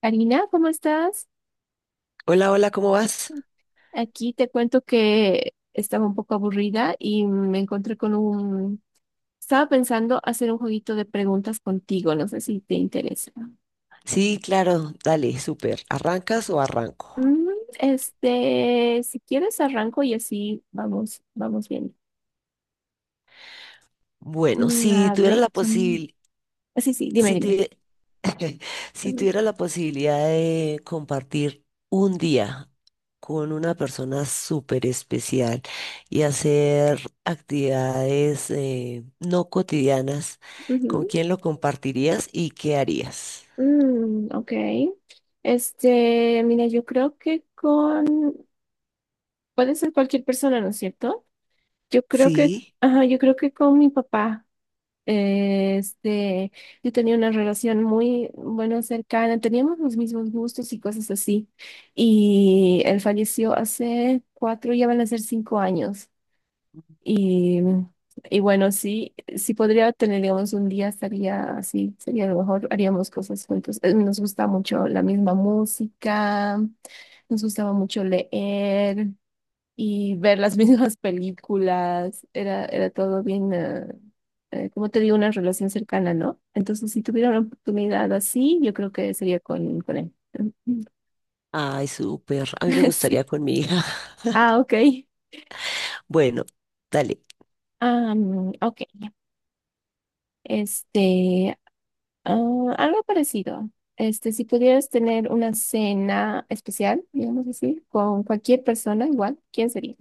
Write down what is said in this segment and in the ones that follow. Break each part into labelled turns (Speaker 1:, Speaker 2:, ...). Speaker 1: Karina, ¿cómo estás?
Speaker 2: Hola, hola, ¿cómo vas?
Speaker 1: Aquí te cuento que estaba un poco aburrida y me encontré con un... Estaba pensando hacer un jueguito de preguntas contigo, no sé si te interesa.
Speaker 2: Sí, claro, dale, súper. ¿Arrancas o arranco?
Speaker 1: Mm, si quieres arranco y así vamos bien.
Speaker 2: Bueno,
Speaker 1: A ver, sí, sí, dime,
Speaker 2: si
Speaker 1: dime.
Speaker 2: tuvi- si
Speaker 1: Ujú.
Speaker 2: tuviera la posibilidad de compartir un día con una persona súper especial y hacer actividades no cotidianas, ¿con
Speaker 1: Ujú.
Speaker 2: quién lo compartirías y qué harías?
Speaker 1: Mm, ok. Mira, yo creo que con... Puede ser cualquier persona, ¿no es cierto? Yo creo que,
Speaker 2: Sí,
Speaker 1: ajá, yo creo que con mi papá, eh, este, yo tenía una relación muy, bueno, cercana, teníamos los mismos gustos y cosas así. Y él falleció hace cuatro, ya van a ser cinco años. Y, y bueno, sí, sí podría tener, digamos, un día estaría así, sería lo mejor, haríamos cosas juntos. Nos gusta mucho la misma música, nos gustaba mucho leer y ver las mismas películas, era todo bien, como te digo, una relación cercana, ¿no? Entonces, si tuviera una oportunidad así, yo creo que sería con él.
Speaker 2: ay, súper. A mí me
Speaker 1: Sí.
Speaker 2: gustaría con mi hija.
Speaker 1: Ah, ok.
Speaker 2: Bueno, dale.
Speaker 1: Ah, mm, ok. Este, Algo parecido. Si pudieras tener una cena especial, digamos así, con cualquier persona, igual, ¿quién sería?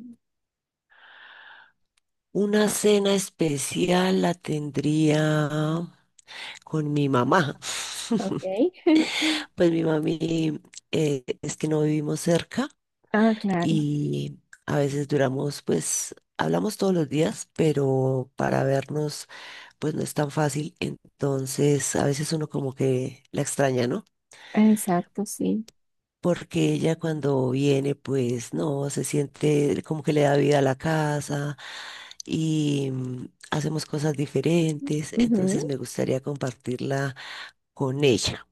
Speaker 2: Una cena especial la tendría con mi mamá.
Speaker 1: Ok.
Speaker 2: Pues mi mami es que no vivimos cerca
Speaker 1: Ah, claro.
Speaker 2: y a veces duramos, pues hablamos todos los días, pero para vernos pues no es tan fácil. Entonces a veces uno como que la extraña, ¿no?
Speaker 1: Exacto, sí.
Speaker 2: Porque ella cuando viene, pues no, se siente como que le da vida a la casa y hacemos cosas diferentes, entonces
Speaker 1: Ujú.
Speaker 2: me gustaría compartirla con ella.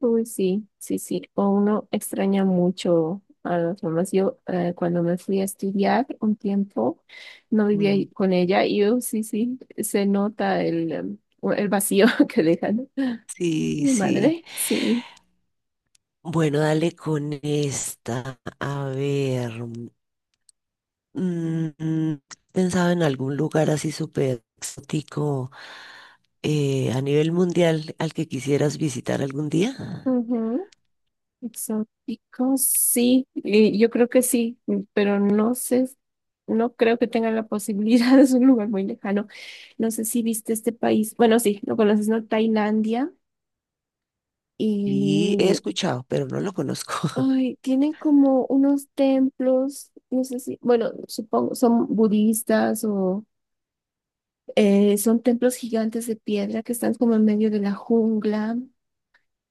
Speaker 1: Uy, sí, sí, sí. O uno extraña mucho a las mamás. Yo, cuando me fui a estudiar un tiempo, no vivía
Speaker 2: Mm,
Speaker 1: ahí con ella y yo, sí, sí, se nota el, em, o el vacío que dejan.
Speaker 2: sí,
Speaker 1: Mi
Speaker 2: sí.
Speaker 1: madre, sí.
Speaker 2: Bueno, dale con esta. A ver, mm, mm, pensaba en algún lugar así súper exótico a nivel mundial al que quisieras visitar algún día.
Speaker 1: Ujú. Exóticos, sí. Y yo creo que sí, pero no sé, no creo que tengan la posibilidad. Es un lugar muy lejano. No sé si viste este país. Bueno, sí, lo conoces, ¿no? Tailandia.
Speaker 2: Y he
Speaker 1: Y
Speaker 2: escuchado, pero no lo conozco.
Speaker 1: ay, tienen como unos templos, no sé si, bueno, supongo, son budistas o son templos gigantes de piedra que están como en medio de la jungla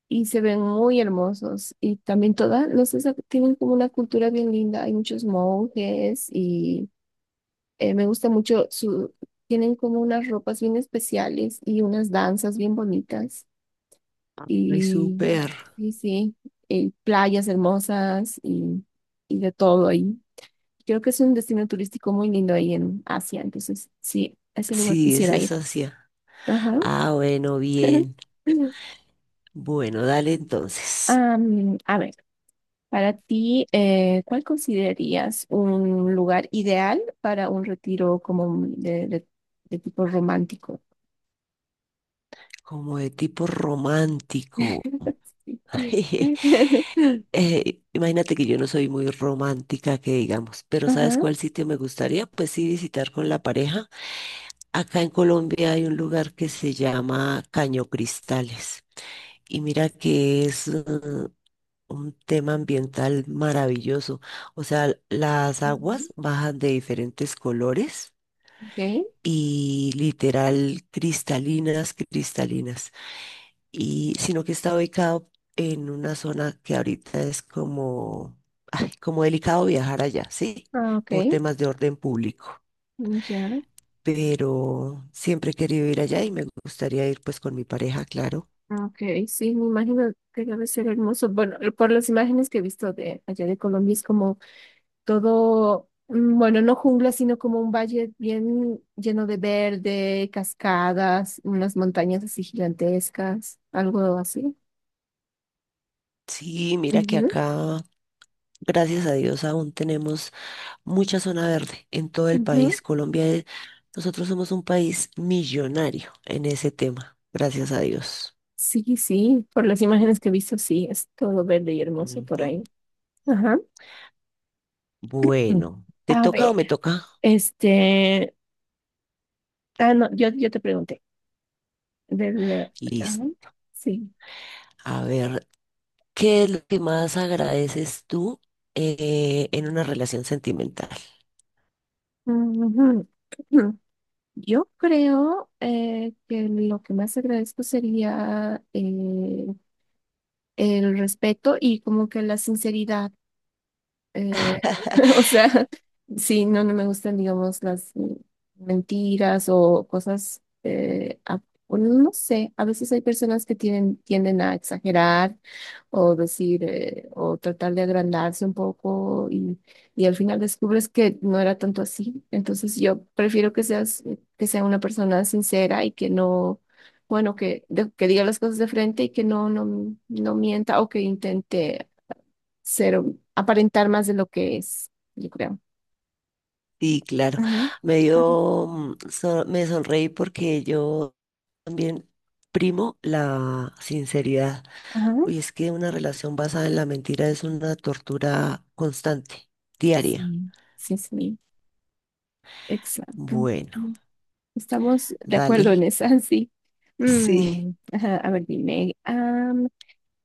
Speaker 1: y se ven muy hermosos. Y también toda no sé, tienen como una cultura bien linda. Hay muchos monjes y me gusta mucho tienen como unas ropas bien especiales y unas danzas bien bonitas.
Speaker 2: Ay, súper.
Speaker 1: Y, sí sí, y playas hermosas y de todo ahí. Creo que es un destino turístico muy lindo ahí en Asia, entonces sí, a ese lugar
Speaker 2: Sí, esa
Speaker 1: quisiera
Speaker 2: es
Speaker 1: ir.
Speaker 2: Asia.
Speaker 1: Ajá.
Speaker 2: Ah, bueno, bien. Bueno, dale entonces.
Speaker 1: A ver, para ti, ¿cuál considerarías un lugar ideal para un retiro de tipo romántico?
Speaker 2: Como de tipo romántico.
Speaker 1: Sí.
Speaker 2: Imagínate que yo no soy muy romántica, que digamos, pero ¿sabes
Speaker 1: Ajá.
Speaker 2: cuál sitio me gustaría? Pues sí, visitar con la pareja. Acá en Colombia hay un lugar que se llama Caño Cristales y mira que es un tema ambiental maravilloso. O sea, las
Speaker 1: Ujú,
Speaker 2: aguas bajan de diferentes colores
Speaker 1: okay.
Speaker 2: y literal cristalinas, cristalinas. Y sino que está ubicado en una zona que ahorita es como, ay, como delicado viajar allá, ¿sí?
Speaker 1: Ah,
Speaker 2: Por
Speaker 1: okay.
Speaker 2: temas de orden público.
Speaker 1: Mm, ya.
Speaker 2: Pero siempre he querido ir allá y me gustaría ir pues con mi pareja, claro.
Speaker 1: Ah, okay. Sí, me imagino que debe ser hermoso. Bueno, por las imágenes que he visto de allá de Colombia es como todo, bueno, no jungla, sino como un valle bien lleno de verde, cascadas, unas montañas así gigantescas, algo así.
Speaker 2: Sí, mira que
Speaker 1: Ujú,
Speaker 2: acá, gracias a Dios, aún tenemos mucha zona verde en todo el
Speaker 1: ujú.
Speaker 2: país. Colombia, es- nosotros somos un país millonario en ese tema, gracias a Dios.
Speaker 1: Sí, sí, por las imágenes que he visto, sí, es todo verde y hermoso por
Speaker 2: Ujú.
Speaker 1: ahí. Ajá. Mm.
Speaker 2: Bueno, ¿te
Speaker 1: A
Speaker 2: toca o
Speaker 1: ver,
Speaker 2: me toca?
Speaker 1: este, ah, no, yo te pregunté, del,
Speaker 2: Listo.
Speaker 1: ah, sí.
Speaker 2: A ver, ¿qué es lo que más agradeces tú en una relación sentimental?
Speaker 1: Ujú. Ujú. Yo creo que lo que más agradezco sería el respeto y como que la sinceridad. Eh, o sea, sí, no, no me gustan, digamos, las mentiras o cosas, bueno, no sé, a veces hay personas que tienen, tienden a exagerar o decir, o tratar de agrandarse un poco y al final descubres que no era tanto así. Entonces yo prefiero que seas, que sea una persona sincera y que no, bueno, que diga las cosas de frente y que no, no, no mienta o que intente ser, aparentar más de lo que es, yo creo.
Speaker 2: Sí, claro.
Speaker 1: Ajá,
Speaker 2: Me
Speaker 1: ajá,
Speaker 2: dio, me sonreí porque yo también primo la sinceridad.
Speaker 1: ajá.
Speaker 2: Uy, es que una relación basada en la mentira es una tortura constante, diaria.
Speaker 1: Sí, sí, sí, exacto.
Speaker 2: Bueno,
Speaker 1: Mm, estamos de acuerdo en
Speaker 2: dale.
Speaker 1: esa, sí.
Speaker 2: Sí.
Speaker 1: Mm, ajá, a ver, dime, am,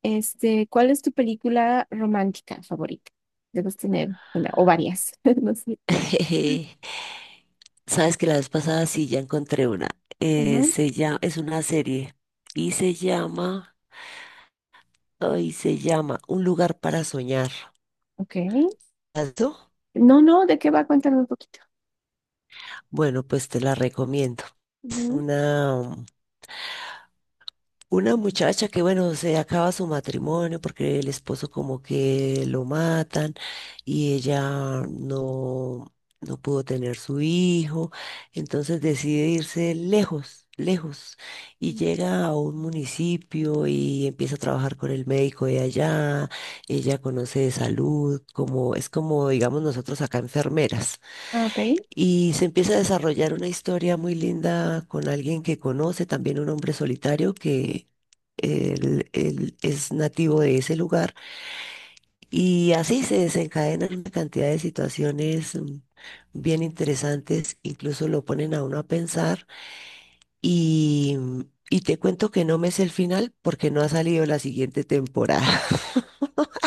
Speaker 1: este, ¿cuál es tu película romántica favorita? Debes tener una o varias, no sé.
Speaker 2: Jeje. Sabes que la vez pasada sí ya encontré una.
Speaker 1: Ajá,
Speaker 2: Se llama, es una serie y se llama Un lugar para soñar.
Speaker 1: ok.
Speaker 2: ¿Has visto?
Speaker 1: No, no, ¿de qué va? Cuéntame un poquito.
Speaker 2: Bueno, pues te la recomiendo. Es
Speaker 1: Ujú.
Speaker 2: una, Una muchacha que, bueno, se acaba su matrimonio porque el esposo como que lo matan y ella no, no pudo tener su hijo, entonces decide irse lejos, lejos, y llega a un municipio y empieza a trabajar con el médico de allá, ella conoce de salud, como, es como, digamos, nosotros acá enfermeras.
Speaker 1: Ah, ok.
Speaker 2: Y se empieza a desarrollar una historia muy linda con alguien que conoce, también un hombre solitario que él es nativo de ese lugar. Y así se desencadenan una cantidad de situaciones bien interesantes, incluso lo ponen a uno a pensar. Y, y te cuento que no me sé el final porque no ha salido la siguiente temporada.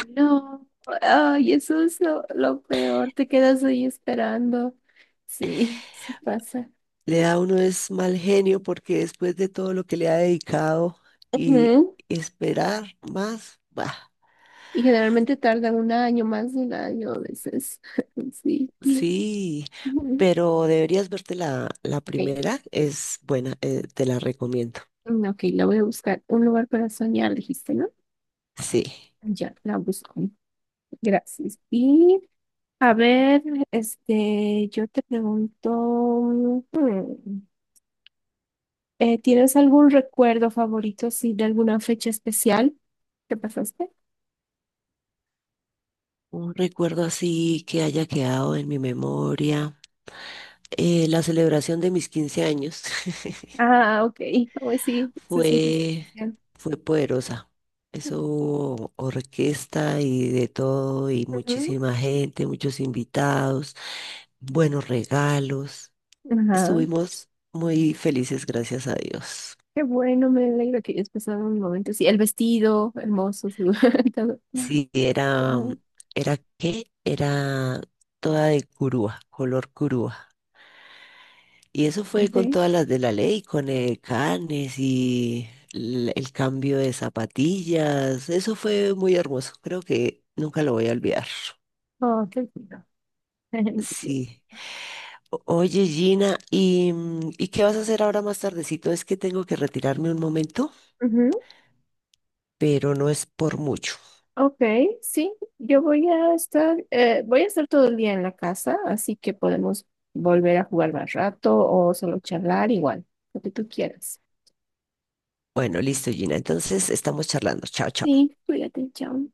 Speaker 1: No, ay, eso es lo peor, te quedas ahí esperando. Sí, sí pasa.
Speaker 2: Le da a uno es mal genio porque después de todo lo que le ha dedicado y
Speaker 1: Ujú.
Speaker 2: esperar más, bah.
Speaker 1: Y generalmente tarda un año, más de un año a veces. Sí, sí.
Speaker 2: Sí,
Speaker 1: Ujú.
Speaker 2: pero deberías verte la
Speaker 1: Ok,
Speaker 2: primera, es buena, te la recomiendo.
Speaker 1: mm, ok, la voy a buscar. Un lugar para soñar, dijiste, ¿no?
Speaker 2: Sí,
Speaker 1: Ya, la busco. Gracias. Y a ver, yo te pregunto, mm, ¿tienes algún recuerdo favorito, sí, de alguna fecha especial que pasaste?
Speaker 2: un recuerdo así que haya quedado en mi memoria. Eh, la celebración de mis 15 años
Speaker 1: Ah, ok. Oh, pues sí, eso siempre es
Speaker 2: fue,
Speaker 1: especial.
Speaker 2: fue poderosa. Eso hubo orquesta y de todo, y
Speaker 1: Ujú.
Speaker 2: muchísima gente, muchos invitados, buenos regalos.
Speaker 1: Ajá.
Speaker 2: Estuvimos muy felices, gracias a Dios.
Speaker 1: Qué bueno, me alegro que hayas pasado un momento. Sí, el vestido, hermoso, todo.
Speaker 2: Sí, era,
Speaker 1: Ajá.
Speaker 2: era qué, era toda de curúa, color curúa. Y eso fue con
Speaker 1: Ok.
Speaker 2: todas las de la ley, con el canes y l- el, cambio de zapatillas. Eso fue muy hermoso, creo que nunca lo voy a olvidar.
Speaker 1: Oh, qué lindo. Bien.
Speaker 2: Sí. Oye, Gina, ¿y qué vas a hacer ahora más tardecito? Es que tengo que retirarme un momento,
Speaker 1: Ujú.
Speaker 2: pero no es por mucho.
Speaker 1: Ok, sí, yo voy a estar todo el día en la casa, así que podemos volver a jugar más rato o solo charlar igual, lo que tú quieras.
Speaker 2: Bueno, listo, Gina. Entonces estamos charlando. Chao, chao.
Speaker 1: Sí, cuídate, chao.